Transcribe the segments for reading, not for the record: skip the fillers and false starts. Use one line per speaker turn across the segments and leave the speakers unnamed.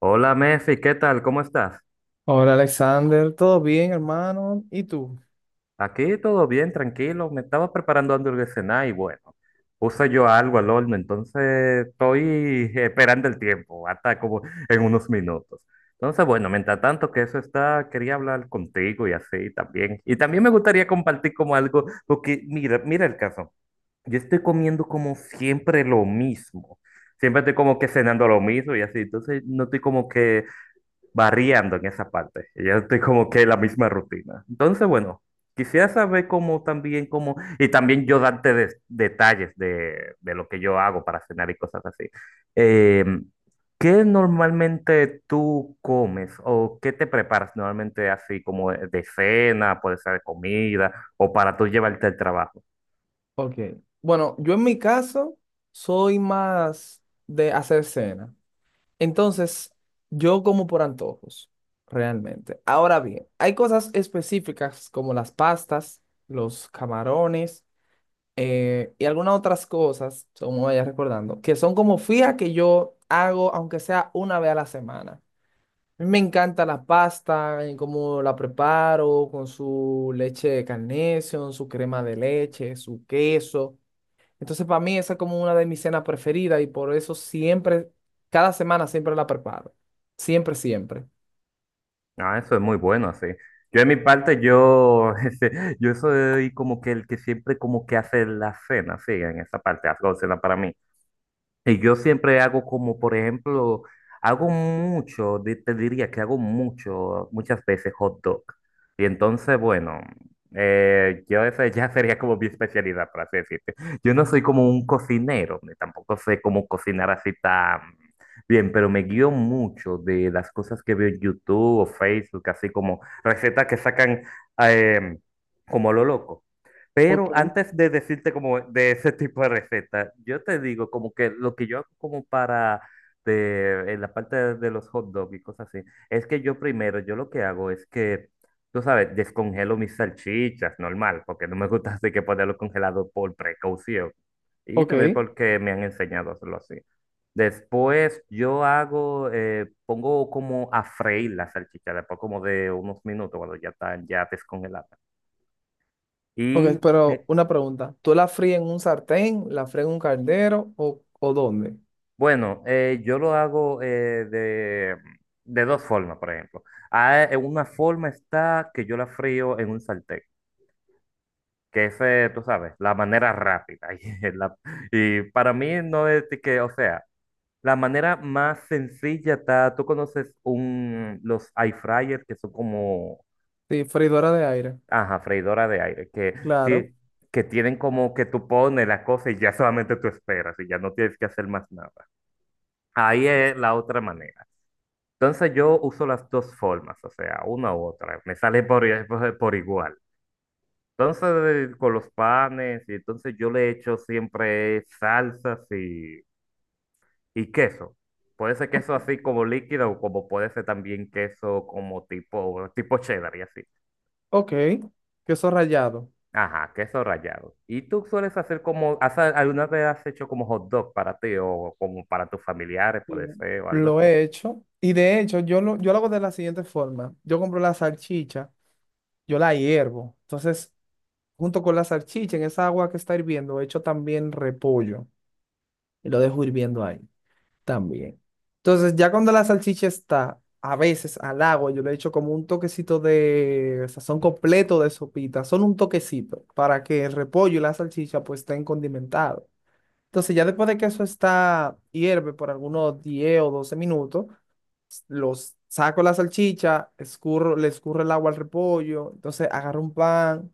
Hola Mefi, ¿qué tal? ¿Cómo estás?
Hola Alexander, ¿todo bien, hermano? ¿Y tú?
Aquí todo bien, tranquilo. Me estaba preparando antes de cenar y bueno, puse yo algo al horno, entonces estoy esperando el tiempo, hasta como en unos minutos. Entonces, bueno, mientras tanto que eso está, quería hablar contigo y así también. Y también me gustaría compartir como algo, porque mira el caso. Yo estoy comiendo como siempre lo mismo. Siempre estoy como que cenando lo mismo y así. Entonces, no estoy como que variando en esa parte. Y yo estoy como que en la misma rutina. Entonces, bueno, quisiera saber cómo también, cómo, y también yo darte detalles de lo que yo hago para cenar y cosas así. Eh, ¿Qué normalmente tú comes o qué te preparas normalmente así como de cena, puede ser de comida o para tú llevarte al trabajo?
Ok. Bueno, yo en mi caso soy más de hacer cena. Entonces, yo como por antojos, realmente. Ahora bien, hay cosas específicas como las pastas, los camarones y algunas otras cosas, como vaya recordando, que son como fija que yo hago aunque sea una vez a la semana. A mí me encanta la pasta, cómo la preparo, con su leche de Carnation, su crema de leche, su queso. Entonces, para mí esa es como una de mis cenas preferidas y por eso siempre, cada semana siempre la preparo. Siempre, siempre.
Ah, eso es muy bueno, sí. Yo en mi parte, yo, yo soy como que el que siempre como que hace la cena, sí, en esa parte, hago cena para mí. Y yo siempre hago como, por ejemplo, hago mucho, te diría que hago mucho, muchas veces hot dog. Y entonces, bueno, yo esa ya sería como mi especialidad, para así decirte. Yo no soy como un cocinero, ni tampoco sé cómo cocinar así tan bien, pero me guío mucho de las cosas que veo en YouTube o Facebook, así como recetas que sacan eh, como a lo loco.
Ok,
Pero antes de decirte como de ese tipo de receta, yo te digo como que lo que yo hago como para de, en la parte de los hot dogs y cosas así, es que yo primero, yo lo que hago es que, tú sabes, descongelo mis salchichas, normal, porque no me gusta así que ponerlo congelado por precaución y también
ok.
porque me han enseñado a hacerlo así. Después yo hago, pongo como a freír la salchicha, después como de unos minutos cuando ya están ya descongeladas.
Ok,
Y
pero
me-
una pregunta. ¿Tú la fríes en un sartén, la fríes en un caldero o dónde?
Bueno, yo lo hago de dos formas, por ejemplo. Una forma está que yo la frío en un sartén, que es, tú sabes, la manera rápida. Y para mí no es de que, o sea, la manera más sencilla está, tú conoces un, los air fryers que son como,
Sí, freidora de aire.
ajá, freidora de aire, que,
Claro.
ti- que tienen como que tú pones la cosa y ya solamente tú esperas y ya no tienes que hacer más nada. Ahí es la otra manera. Entonces yo uso las dos formas, o sea, una u otra, me sale por igual. Entonces con los panes, y entonces yo le echo siempre salsas y queso. Puede ser queso así como líquido o como puede ser también queso como tipo cheddar y así.
Ok. Queso rallado.
Ajá, queso rallado. ¿Y tú sueles hacer como, alguna vez has hecho como hot dog para ti o como para tus familiares, puede
Sí.
ser, o algo
Lo
así?
he hecho. Y de hecho, yo lo hago de la siguiente forma. Yo compro la salchicha, yo la hiervo. Entonces, junto con la salchicha, en esa agua que está hirviendo, echo también repollo y lo dejo hirviendo ahí también. Entonces, ya cuando la salchicha está, a veces al agua, yo le echo como un toquecito de sazón completo de sopita, solo un toquecito, para que el repollo y la salchicha pues estén condimentados. Entonces, ya después de que eso está, hierve por algunos 10 o 12 minutos, los saco la salchicha, escurro, le escurro el agua al repollo, entonces agarro un pan,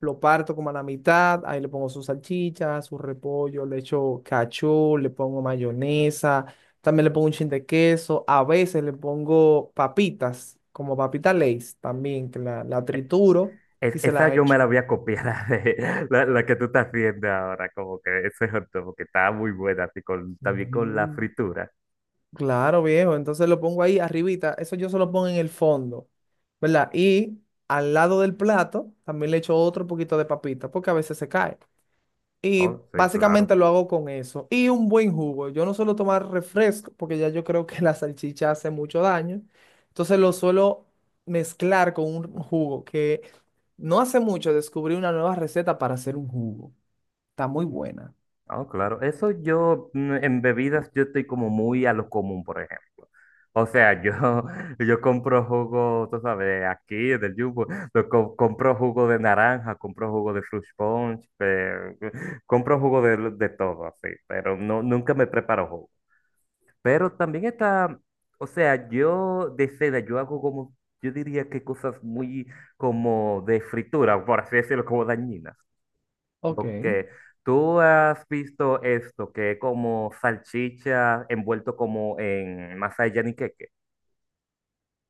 lo parto como a la mitad, ahí le pongo su salchicha, su repollo, le echo cachú, le pongo mayonesa, también le pongo un chin de queso, a veces le pongo papitas, como papita Lay's también, que la trituro y se
Esa
la
yo me la
echo.
voy a copiar, la que tú estás haciendo ahora, como que ese hot dog, que está muy buena, así con, también con la
Ujú.
fritura.
Claro, viejo. Entonces lo pongo ahí arribita. Eso yo se lo pongo en el fondo, ¿verdad? Y al lado del plato también le echo otro poquito de papita porque a veces se cae. Y
Oh, sí, claro.
básicamente lo hago con eso. Y un buen jugo. Yo no suelo tomar refresco porque ya yo creo que la salchicha hace mucho daño. Entonces lo suelo mezclar con un jugo que no hace mucho descubrí una nueva receta para hacer un jugo. Está muy buena.
Oh, claro. Eso yo, en bebidas, yo estoy como muy a lo común, por ejemplo. O sea, yo, yo compro jugo, tú sabes, aquí en el Jumbo, compro jugo de naranja, compro jugo de fruit punch, compro jugo de todo, así, pero no, nunca me preparo jugo. Pero también está, o sea, yo de cena, yo hago como, yo diría que cosas muy como de fritura, por así decirlo, como dañinas.
Ok.
Porque tú has visto esto, que es como salchicha envuelto como en masa de yaniqueque.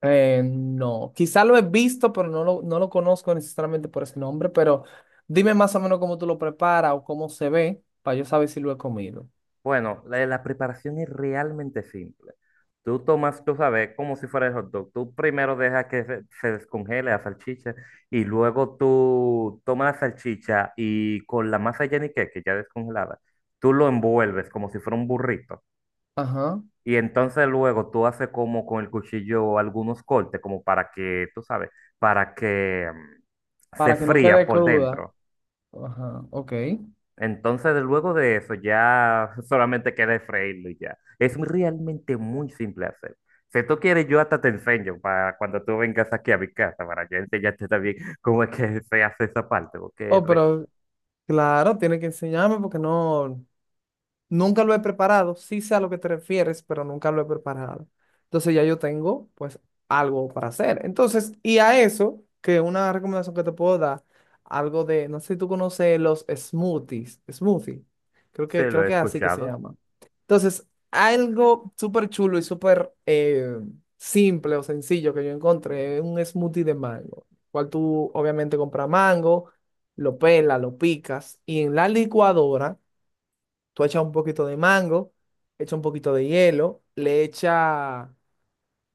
No, quizá lo he visto, pero no lo conozco necesariamente por ese nombre, pero dime más o menos cómo tú lo preparas o cómo se ve para yo saber si lo he comido.
Bueno, la preparación es realmente simple. Tú tomas, tú sabes, como si fuera el hot dog. Tú primero dejas que se descongele la salchicha y luego tú tomas la salchicha y con la masa yenique, que ya descongelada, tú lo envuelves como si fuera un burrito.
Ajá,
Y entonces luego tú haces como con el cuchillo algunos cortes, como para que, tú sabes, para que se
para que no
fría
quede
por
cruda.
dentro.
Ajá, ok.
Entonces, luego de eso, ya solamente queda freírlo y ya. Realmente muy simple hacer. Si tú quieres, yo hasta te enseño para cuando tú vengas aquí a mi casa, para yo enseñarte también cómo es que se hace esa parte, porque
Oh, pero claro, tiene que enseñarme porque no, nunca lo he preparado, sí sé a lo que te refieres, pero nunca lo he preparado. Entonces ya yo tengo pues algo para hacer. Entonces, y a eso, que una recomendación que te puedo dar, algo de, no sé si tú conoces los smoothies, smoothie,
se lo
creo
he
que es así que se
escuchado.
llama. Entonces, algo súper chulo y súper simple o sencillo que yo encontré, es un smoothie de mango, cual tú obviamente compras mango, lo pelas, lo picas y en la licuadora tú echas un poquito de mango, echas un poquito de hielo, le echas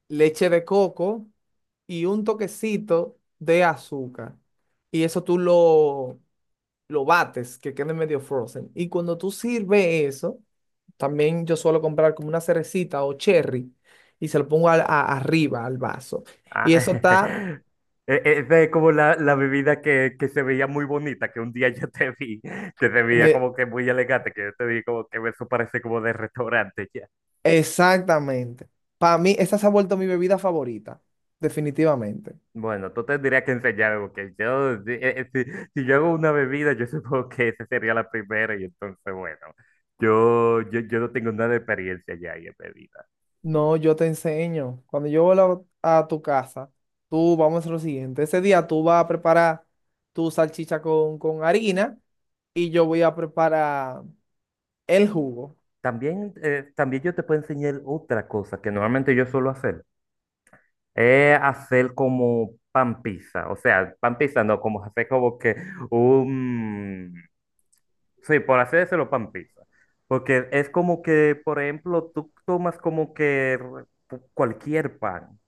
leche de coco y un toquecito de azúcar. Y lo bates, que quede medio frozen. Y cuando tú sirves eso, también yo suelo comprar como una cerecita o cherry y se lo pongo arriba al vaso.
Ah,
Y eso está
Es de como la bebida que se veía muy bonita, que un día yo te vi, que se veía
eh,
como que muy elegante, que yo te vi como que eso parece como de restaurante ya.
exactamente. Para mí, esa se ha vuelto mi bebida favorita, definitivamente.
Bueno, tú tendrías que enseñar algo que yo, si, si yo hago una bebida, yo supongo que esa sería la primera y entonces, bueno, yo no tengo nada de experiencia ya ahí en bebida.
No, yo te enseño. Cuando yo vuelva a tu casa, tú vamos a hacer lo siguiente. Ese día tú vas a preparar tu salchicha con harina y yo voy a preparar el jugo.
También, también yo te puedo enseñar otra cosa que normalmente yo suelo hacer, es hacer como pan pizza, o sea, pan pizza no, como hacer como que un, sí, por hacérselo pan pizza, porque es como que, por ejemplo, tú tomas como que cualquier pan.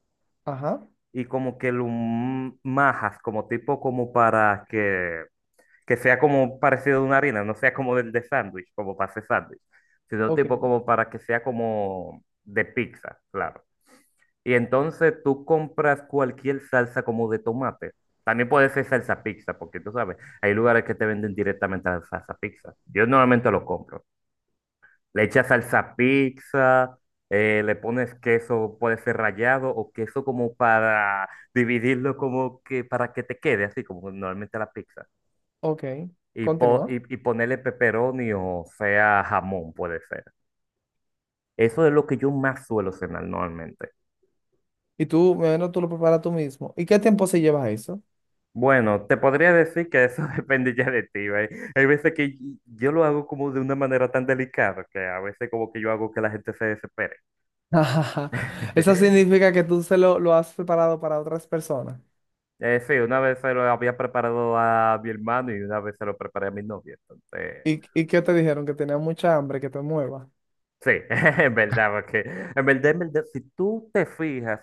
Ajá.
Y como que lo majas, como tipo como para que sea como parecido a una harina, no sea como del de sándwich, como para hacer sándwich, sino
Ok,
tipo como para que sea como de pizza, claro. Y entonces tú compras cualquier salsa como de tomate. También puede ser salsa pizza, porque tú sabes, hay lugares que te venden directamente la salsa pizza. Yo normalmente lo compro. Le echas salsa pizza, le pones queso, puede ser rallado o queso como para dividirlo como que para que te quede así como normalmente la pizza.
ok.
Y, po-
Continúa.
y, y ponerle pepperoni o sea jamón puede ser. Eso es lo que yo más suelo cenar normalmente.
Y tú, bueno, tú lo preparas tú mismo. ¿Y qué tiempo se lleva eso?
Bueno, te podría decir que eso depende ya de ti, ¿ve? Hay veces que yo lo hago como de una manera tan delicada que a veces como que yo hago que la gente se desespere.
Eso significa que tú lo has preparado para otras personas.
Sí, una vez se lo había preparado a mi hermano y una vez se lo preparé a mi novia. Entonces,
¿Y qué te dijeron? Que tenías mucha hambre, que te muevas.
sí, en verdad, porque en verdad, si tú te fijas,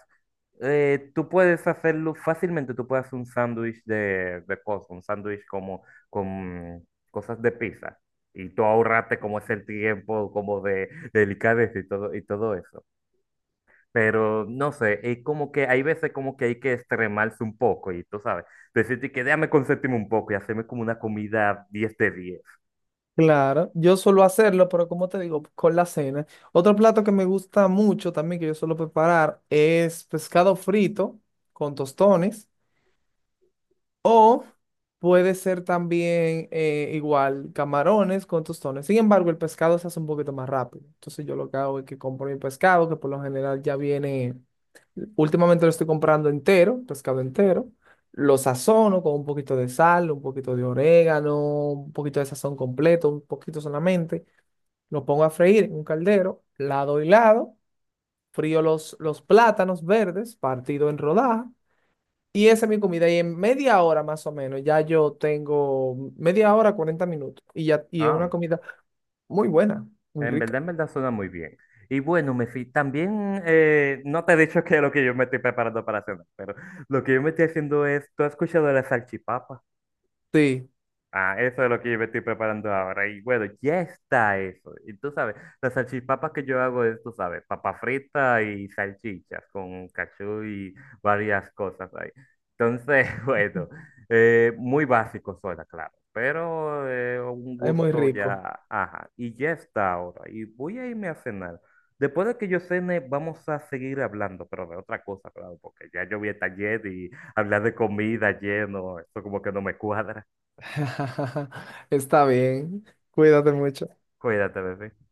tú puedes hacerlo fácilmente, tú puedes hacer un sándwich de cosas, un sándwich como con cosas de pizza. Y tú ahorraste como es el tiempo, como de delicadeza y todo eso. Pero no sé, es como que hay veces como que hay que extremarse un poco y tú sabes, decirte que déjame consentirme un poco y hacerme como una comida 10 de diez.
Claro, yo suelo hacerlo, pero como te digo, con la cena. Otro plato que me gusta mucho también, que yo suelo preparar, es pescado frito con tostones. O puede ser también igual camarones con tostones. Sin embargo, el pescado se hace un poquito más rápido. Entonces yo lo que hago es que compro mi pescado, que por lo general ya viene, últimamente lo estoy comprando entero, pescado entero. Lo sazono con un poquito de sal, un poquito de orégano, un poquito de sazón completo, un poquito solamente lo pongo a freír en un caldero, lado y lado, frío los plátanos verdes partido en rodaja y esa es mi comida. Y en media hora más o menos, ya yo tengo media hora, 40 minutos y ya y es una
Ah,
comida muy buena, muy rica.
en verdad suena muy bien. Y bueno, me fui, también no te he dicho qué es lo que yo me estoy preparando para cenar, pero lo que yo me estoy haciendo es, ¿tú has escuchado de la salchipapa?
Sí,
Ah, eso es lo que yo me estoy preparando ahora. Y bueno, ya está eso. Y tú sabes, las salchipapas que yo hago es, tú sabes, papa frita y salchichas con cachú y varias cosas ahí. Entonces, bueno, muy básico suena, claro, pero un
es muy
gusto
rico.
ya, ajá. Y ya está ahora. Y voy a irme a cenar. Después de que yo cene, vamos a seguir hablando, pero de otra cosa, claro, porque ya yo vi el taller y hablar de comida lleno, eso como que no me cuadra.
Está bien, cuídate mucho.
Cuídate, bebé.